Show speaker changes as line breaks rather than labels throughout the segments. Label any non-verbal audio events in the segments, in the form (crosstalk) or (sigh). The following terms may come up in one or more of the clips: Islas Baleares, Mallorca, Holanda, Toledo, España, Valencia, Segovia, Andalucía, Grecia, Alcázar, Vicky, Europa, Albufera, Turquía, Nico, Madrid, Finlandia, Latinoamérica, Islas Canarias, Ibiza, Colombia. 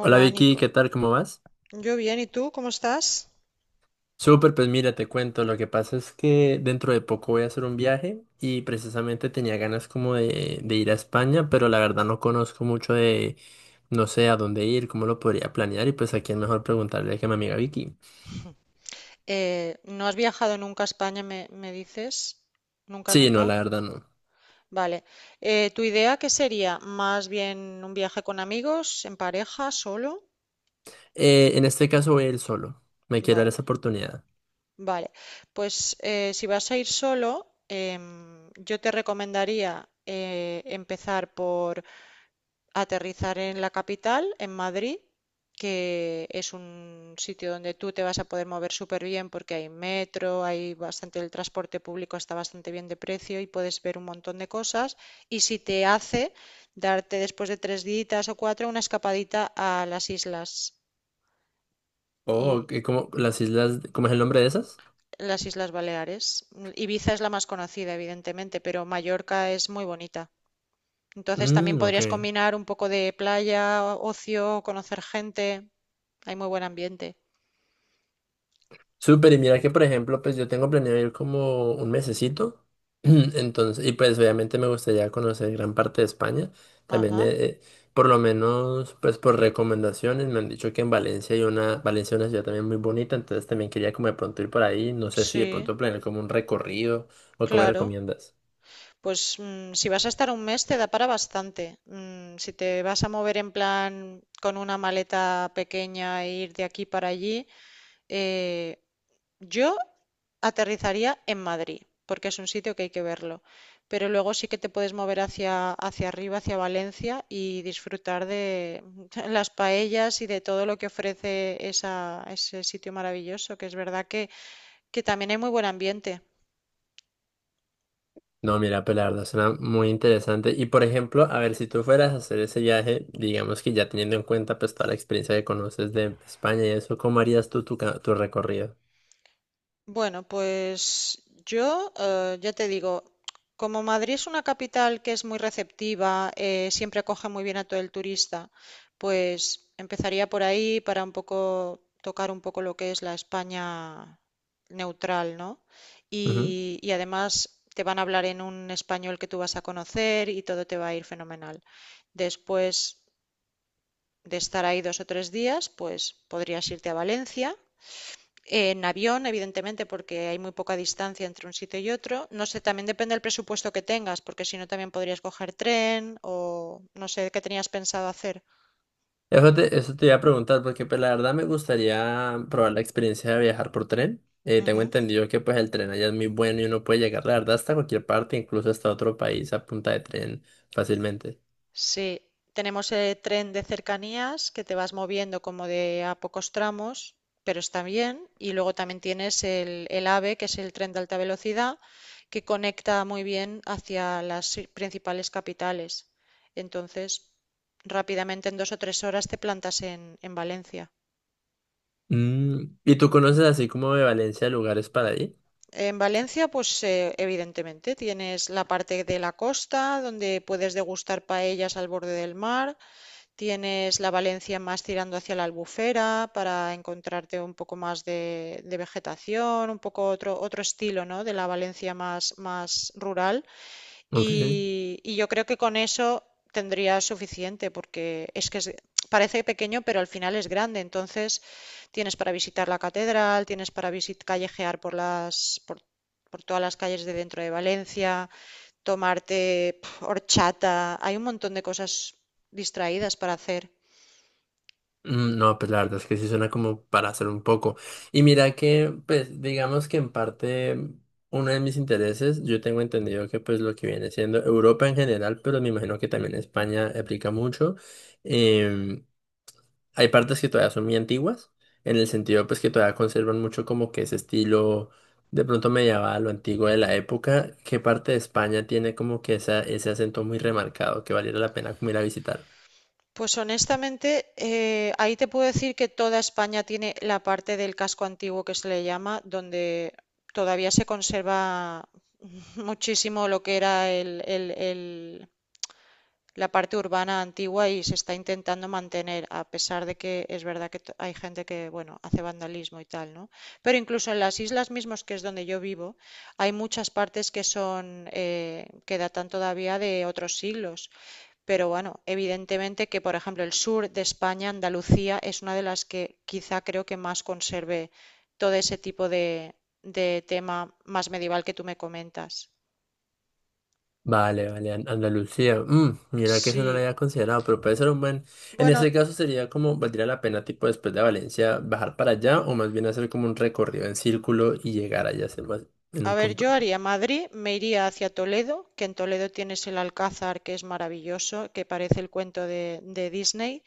Hola Vicky,
Nico.
¿qué tal? ¿Cómo vas?
Yo bien, ¿y tú cómo estás?
Súper, pues mira, te cuento, lo que pasa es que dentro de poco voy a hacer un viaje y precisamente tenía ganas como de ir a España, pero la verdad no conozco mucho de, no sé a dónde ir, cómo lo podría planear y pues a quién mejor preguntarle que a mi amiga Vicky.
¿No has viajado nunca a España, me dices? Nunca,
Sí, no,
nunca.
la verdad no.
Vale. ¿Tu idea qué sería? ¿Más bien un viaje con amigos, en pareja, solo?
En este caso voy a ir solo, me quiero dar
Vale,
esa oportunidad.
vale. Pues si vas a ir solo, yo te recomendaría empezar por aterrizar en la capital, en Madrid, que es un sitio donde tú te vas a poder mover súper bien porque hay metro, hay bastante, el transporte público está bastante bien de precio y puedes ver un montón de cosas. Y si te hace darte después de tres días o cuatro una escapadita a las islas y
Oh, ¿qué- ¿cómo, las islas, cómo es el nombre de esas?
las Islas Baleares. Ibiza es la más conocida, evidentemente, pero Mallorca es muy bonita. Entonces también
Mm, ok.
podrías combinar un poco de playa, ocio, conocer gente. Hay muy buen ambiente.
Súper, y mira que por ejemplo, pues yo tengo planeado ir como un mesecito, (clears throat) entonces, y pues obviamente me gustaría conocer gran parte de España, también
Ajá,
por lo menos, pues por recomendaciones, me han dicho que en Valencia hay una, Valencia es una ciudad también muy bonita, entonces también quería como de pronto ir por ahí, no sé si de
sí,
pronto planear como un recorrido o cómo me
claro.
recomiendas.
Pues mm, si vas a estar un mes te da para bastante. Mm, si te vas a mover en plan con una maleta pequeña e ir de aquí para allí, eh, yo aterrizaría en Madrid, porque es un sitio que hay que verlo. Pero luego sí que te puedes mover hacia, hacia arriba, hacia Valencia y disfrutar de (laughs) las paellas y de todo lo que ofrece esa, ese sitio maravilloso, que es verdad que también hay muy buen ambiente.
No, mira, pues la verdad suena muy interesante. Y por ejemplo, a ver, si tú fueras a hacer ese viaje, digamos que ya teniendo en cuenta pues toda la experiencia que conoces de España y eso, ¿cómo harías tú tu, ca- tu recorrido?
Bueno, pues yo ya te digo, como Madrid es una capital que es muy receptiva, siempre acoge muy bien a todo el turista, pues empezaría por ahí para un poco tocar un poco lo que es la España neutral, ¿no?
Ujú.
Y además te van a hablar en un español que tú vas a conocer y todo te va a ir fenomenal. Después de estar ahí dos o tres días, pues podrías irte a Valencia en avión, evidentemente, porque hay muy poca distancia entre un sitio y otro. No sé, también depende del presupuesto que tengas, porque si no también podrías coger tren o no sé qué tenías pensado hacer.
Eso te iba a preguntar, porque pues la verdad me gustaría probar la experiencia de viajar por tren. Tengo
Ujú.
entendido que pues el tren allá es muy bueno y uno puede llegar, la verdad, hasta cualquier parte, incluso hasta otro país a punta de tren fácilmente.
Sí, tenemos el tren de cercanías que te vas moviendo como de a pocos tramos, pero está bien. Y luego también tienes el AVE, que es el tren de alta velocidad, que conecta muy bien hacia las i- principales capitales. Entonces, rápidamente en dos o tres horas te plantas en Valencia.
Mm, ¿y tú conoces así como de Valencia lugares para ir?
En Valencia, pues evidentemente tienes la parte de la costa donde puedes degustar paellas al borde del mar. Tienes la Valencia más tirando hacia la Albufera para encontrarte un poco más de vegetación, un poco otro, otro estilo, ¿no? de la Valencia más, más rural.
Ok.
Y yo creo que con eso tendría suficiente, porque es que es- parece pequeño, pero al final es grande. Entonces tienes para visitar la catedral, tienes para visit- callejear por las, por todas las calles de dentro de Valencia, tomarte pf, horchata. Hay un montón de cosas distraídas para hacer.
Mm, no, pues la verdad es que sí suena como para hacer un poco. Y mira que, pues digamos que en parte uno de mis intereses, yo tengo entendido que pues lo que viene siendo Europa en general, pero me imagino que también España aplica mucho. em, Hay partes que todavía son muy antiguas, en el sentido pues que todavía conservan mucho como que ese estilo de pronto medieval o antiguo de la época. ¿Qué parte de España tiene como que esa, ese acento muy remarcado que valiera la pena como ir a visitar?
Pues honestamente, ahí te puedo decir que toda España tiene la parte del casco antiguo que se le llama, donde todavía se conserva (laughs) muchísimo lo que era el- la parte urbana antigua y se está intentando mantener, a pesar de que es verdad que t- hay gente que, bueno, hace vandalismo y tal, ¿no? Pero incluso en las islas mismas, que es donde yo vivo, hay muchas partes que son, que datan todavía de otros siglos. Pero bueno, evidentemente que, por ejemplo, el sur de España, Andalucía, es una de las que quizá creo que más conserve todo ese tipo de tema más medieval que tú me comentas.
Vale, vale, An- Andalucía. Mm, mira que eso no lo
Sí.
había considerado, pero puede ser un buen. En
Bueno,
ese caso sería como valdría la pena, tipo después de Valencia, bajar para allá o más bien hacer como un recorrido en círculo y llegar allá hacer más en
a
un
ver, yo
punto.
haría Madrid, me iría hacia Toledo, que en Toledo tienes el Alcázar, que es maravilloso, que parece el cuento de Disney.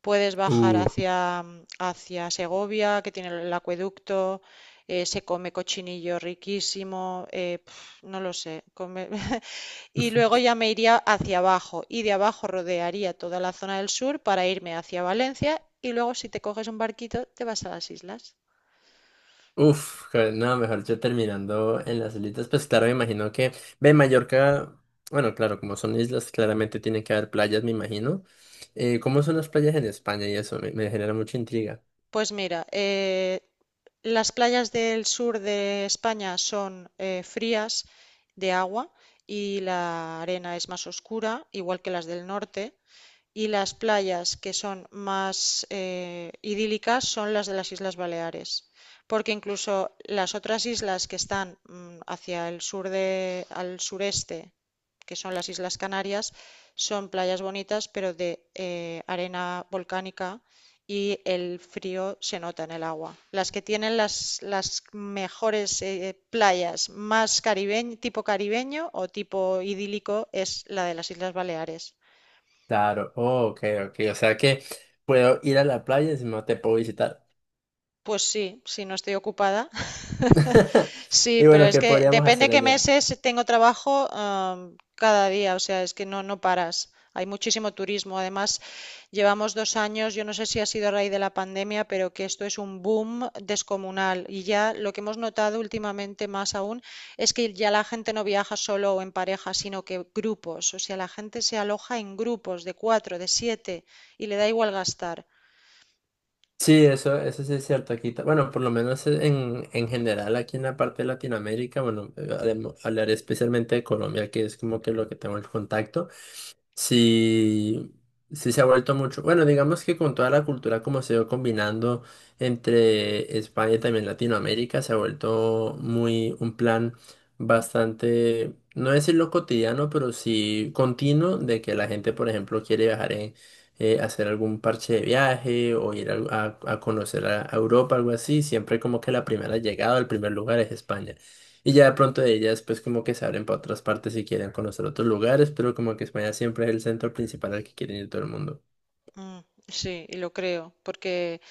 Puedes bajar
Uh,
hacia, hacia Segovia, que tiene el acueducto, se come cochinillo riquísimo, pf, no lo sé. Come- (laughs) Y luego ya me iría hacia abajo y de abajo rodearía toda la zona del sur para irme hacia Valencia y luego si te coges un barquito te vas a las islas.
uf, que- no, mejor yo terminando en las islitas, pues claro, me imagino que. Ve, Mallorca, bueno, claro, como son islas, claramente tienen que haber playas, me imagino. ¿Cómo son las playas en España y eso? Me genera mucha intriga.
Pues mira, las playas del sur de España son frías de agua y la arena es más oscura, igual que las del norte. Y las playas que son más idílicas son las de las Islas Baleares, porque incluso las otras islas que están mm, hacia el sur de, al sureste, que son las Islas Canarias, son playas bonitas, pero de arena volcánica y el frío se nota en el agua. Las que tienen las mejores playas más caribeño, tipo caribeño o tipo idílico es la de las Islas Baleares.
Claro, oh, ok, ok. O sea que puedo ir a la playa y si no te puedo visitar.
Pues sí, si no estoy ocupada. (laughs)
(laughs)
Sí,
Y
pero
bueno,
es
¿qué
que
podríamos
depende
hacer
qué
allá?
meses tengo trabajo, am, cada día, o sea, es que no, no paras. Hay muchísimo turismo. Además, llevamos dos años, yo no sé si ha sido a raíz de la pandemia, pero que esto es un boom descomunal. Y ya lo que hemos notado últimamente más aún es que ya la gente no viaja solo o en pareja, sino que grupos. O sea, la gente se aloja en grupos de cuatro, de siete y le da igual gastar.
Sí, eso sí es cierto aquí. Ta- Bueno, por lo menos e, en general aquí en la parte de Latinoamérica, bueno, hablemo- hablaré especialmente de Colombia, que es como que lo que tengo el contacto. Sí, sí se ha vuelto mucho. Bueno, digamos que con toda la cultura como se va combinando entre España y también Latinoamérica, se ha vuelto muy un plan bastante, no decirlo cotidiano, pero sí continuo de que la gente, por ejemplo, quiere viajar en, hacer algún parche de viaje o ir a conocer a Europa, algo así. Siempre como que la primera llegada, el primer lugar es España. Y ya de pronto de ellas, pues como que se abren para otras partes y quieren conocer otros lugares, pero como que España siempre es el centro principal al que quieren ir todo el mundo.
Mm, sí, y lo creo, porque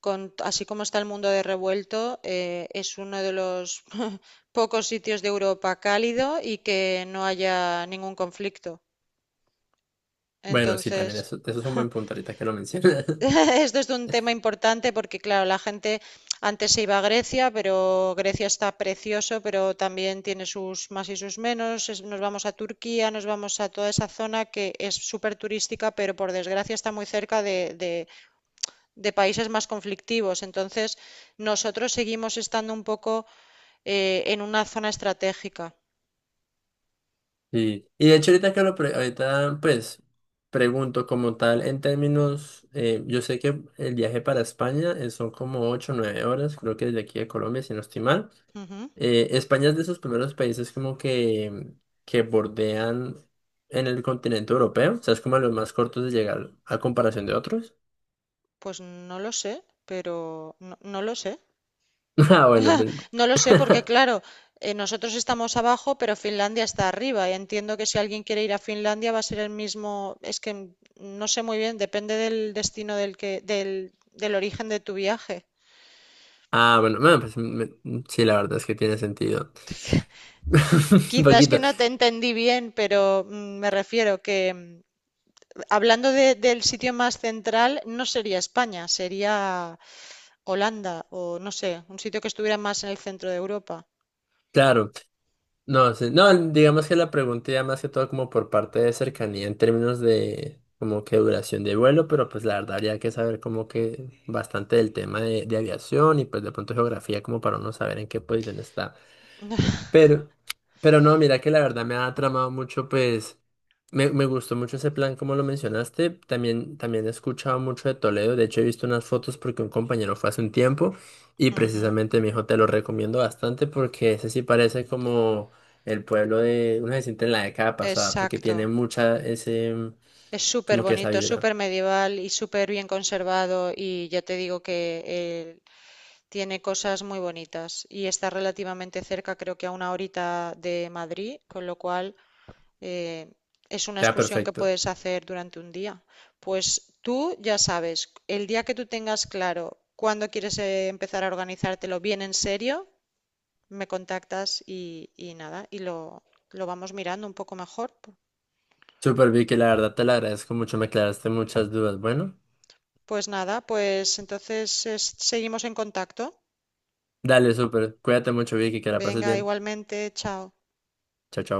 con, así como está el mundo de revuelto, es uno de los (laughs) pocos sitios de Europa cálido y que no haya ningún conflicto.
Bueno, sí, también
Entonces,
eso es un buen
(laughs)
punto ahorita que lo mencionas. (laughs)
esto es un tema importante porque, claro, la gente antes se iba a Grecia, pero Grecia está precioso, pero también tiene sus más y sus menos. Es- Nos vamos a Turquía, nos vamos a toda esa zona que es súper turística, pero por desgracia está muy cerca de países más conflictivos. Entonces, nosotros seguimos estando un poco en una zona estratégica.
Sí. Y de hecho ahorita que lo pre- ahorita pues pregunto como tal en términos, yo sé que el viaje para España son como 8 o 9 horas, creo que desde aquí de Colombia, si no estoy mal.
Ujú.
España es de esos primeros países como que bordean en el continente europeo, o sea, es como de los más cortos de llegar a comparación de otros.
Pues no lo sé, pero no, no lo sé.
(laughs) Ah, bueno,
(laughs)
pues-
No lo sé porque, claro, nosotros estamos abajo, pero Finlandia está arriba. Y entiendo que si alguien quiere ir a Finlandia va a ser el mismo. Es que n- no sé muy bien, depende del destino del que, del, del origen de tu viaje.
ah, bueno, bueno, pues me- sí, la verdad es que tiene sentido. (laughs) Un
Quizás que
poquito,
no te entendí bien, pero mm, me refiero que, mm, hablando de- del sitio más central, no sería España, sería Holanda o no sé, un sitio que estuviera más en el centro de Europa.
claro. No, sí, no, digamos que la pregunta ya más que todo como por parte de cercanía en términos de como que duración de vuelo, pero pues la verdad habría que saber como que bastante del tema de aviación y pues de pronto geografía como para uno saber en qué posición está.
(laughs)
Pero, pero no, mira que la verdad me ha tramado mucho, pues me gustó mucho ese plan como lo mencionaste. También he escuchado mucho de Toledo. De hecho, he visto unas fotos porque un compañero fue hace un tiempo y
Ujú,
precisamente me dijo, te lo recomiendo bastante porque ese sí parece como el pueblo de una gente en la década pasada porque tiene
exacto.
mucha ese, mm,
Es súper
como que esa
bonito,
vibra.
súper medieval y súper bien conservado y ya te digo que tiene cosas muy bonitas y está relativamente cerca, creo que a una horita de Madrid, con lo cual eh, es una
Queda
excursión que
perfecto.
puedes hacer durante un día. Pues tú ya sabes, el día que tú tengas claro cuándo quieres empezar a organizártelo bien en serio, me contactas y nada, y lo vamos mirando un poco mejor.
Súper Vicky, la verdad te la agradezco mucho, me aclaraste muchas dudas. Bueno,
Pues nada, pues entonces es- seguimos en contacto.
dale, súper. Cuídate mucho Vicky, que la pases
Venga,
bien.
igualmente, chao.
Chao, chao.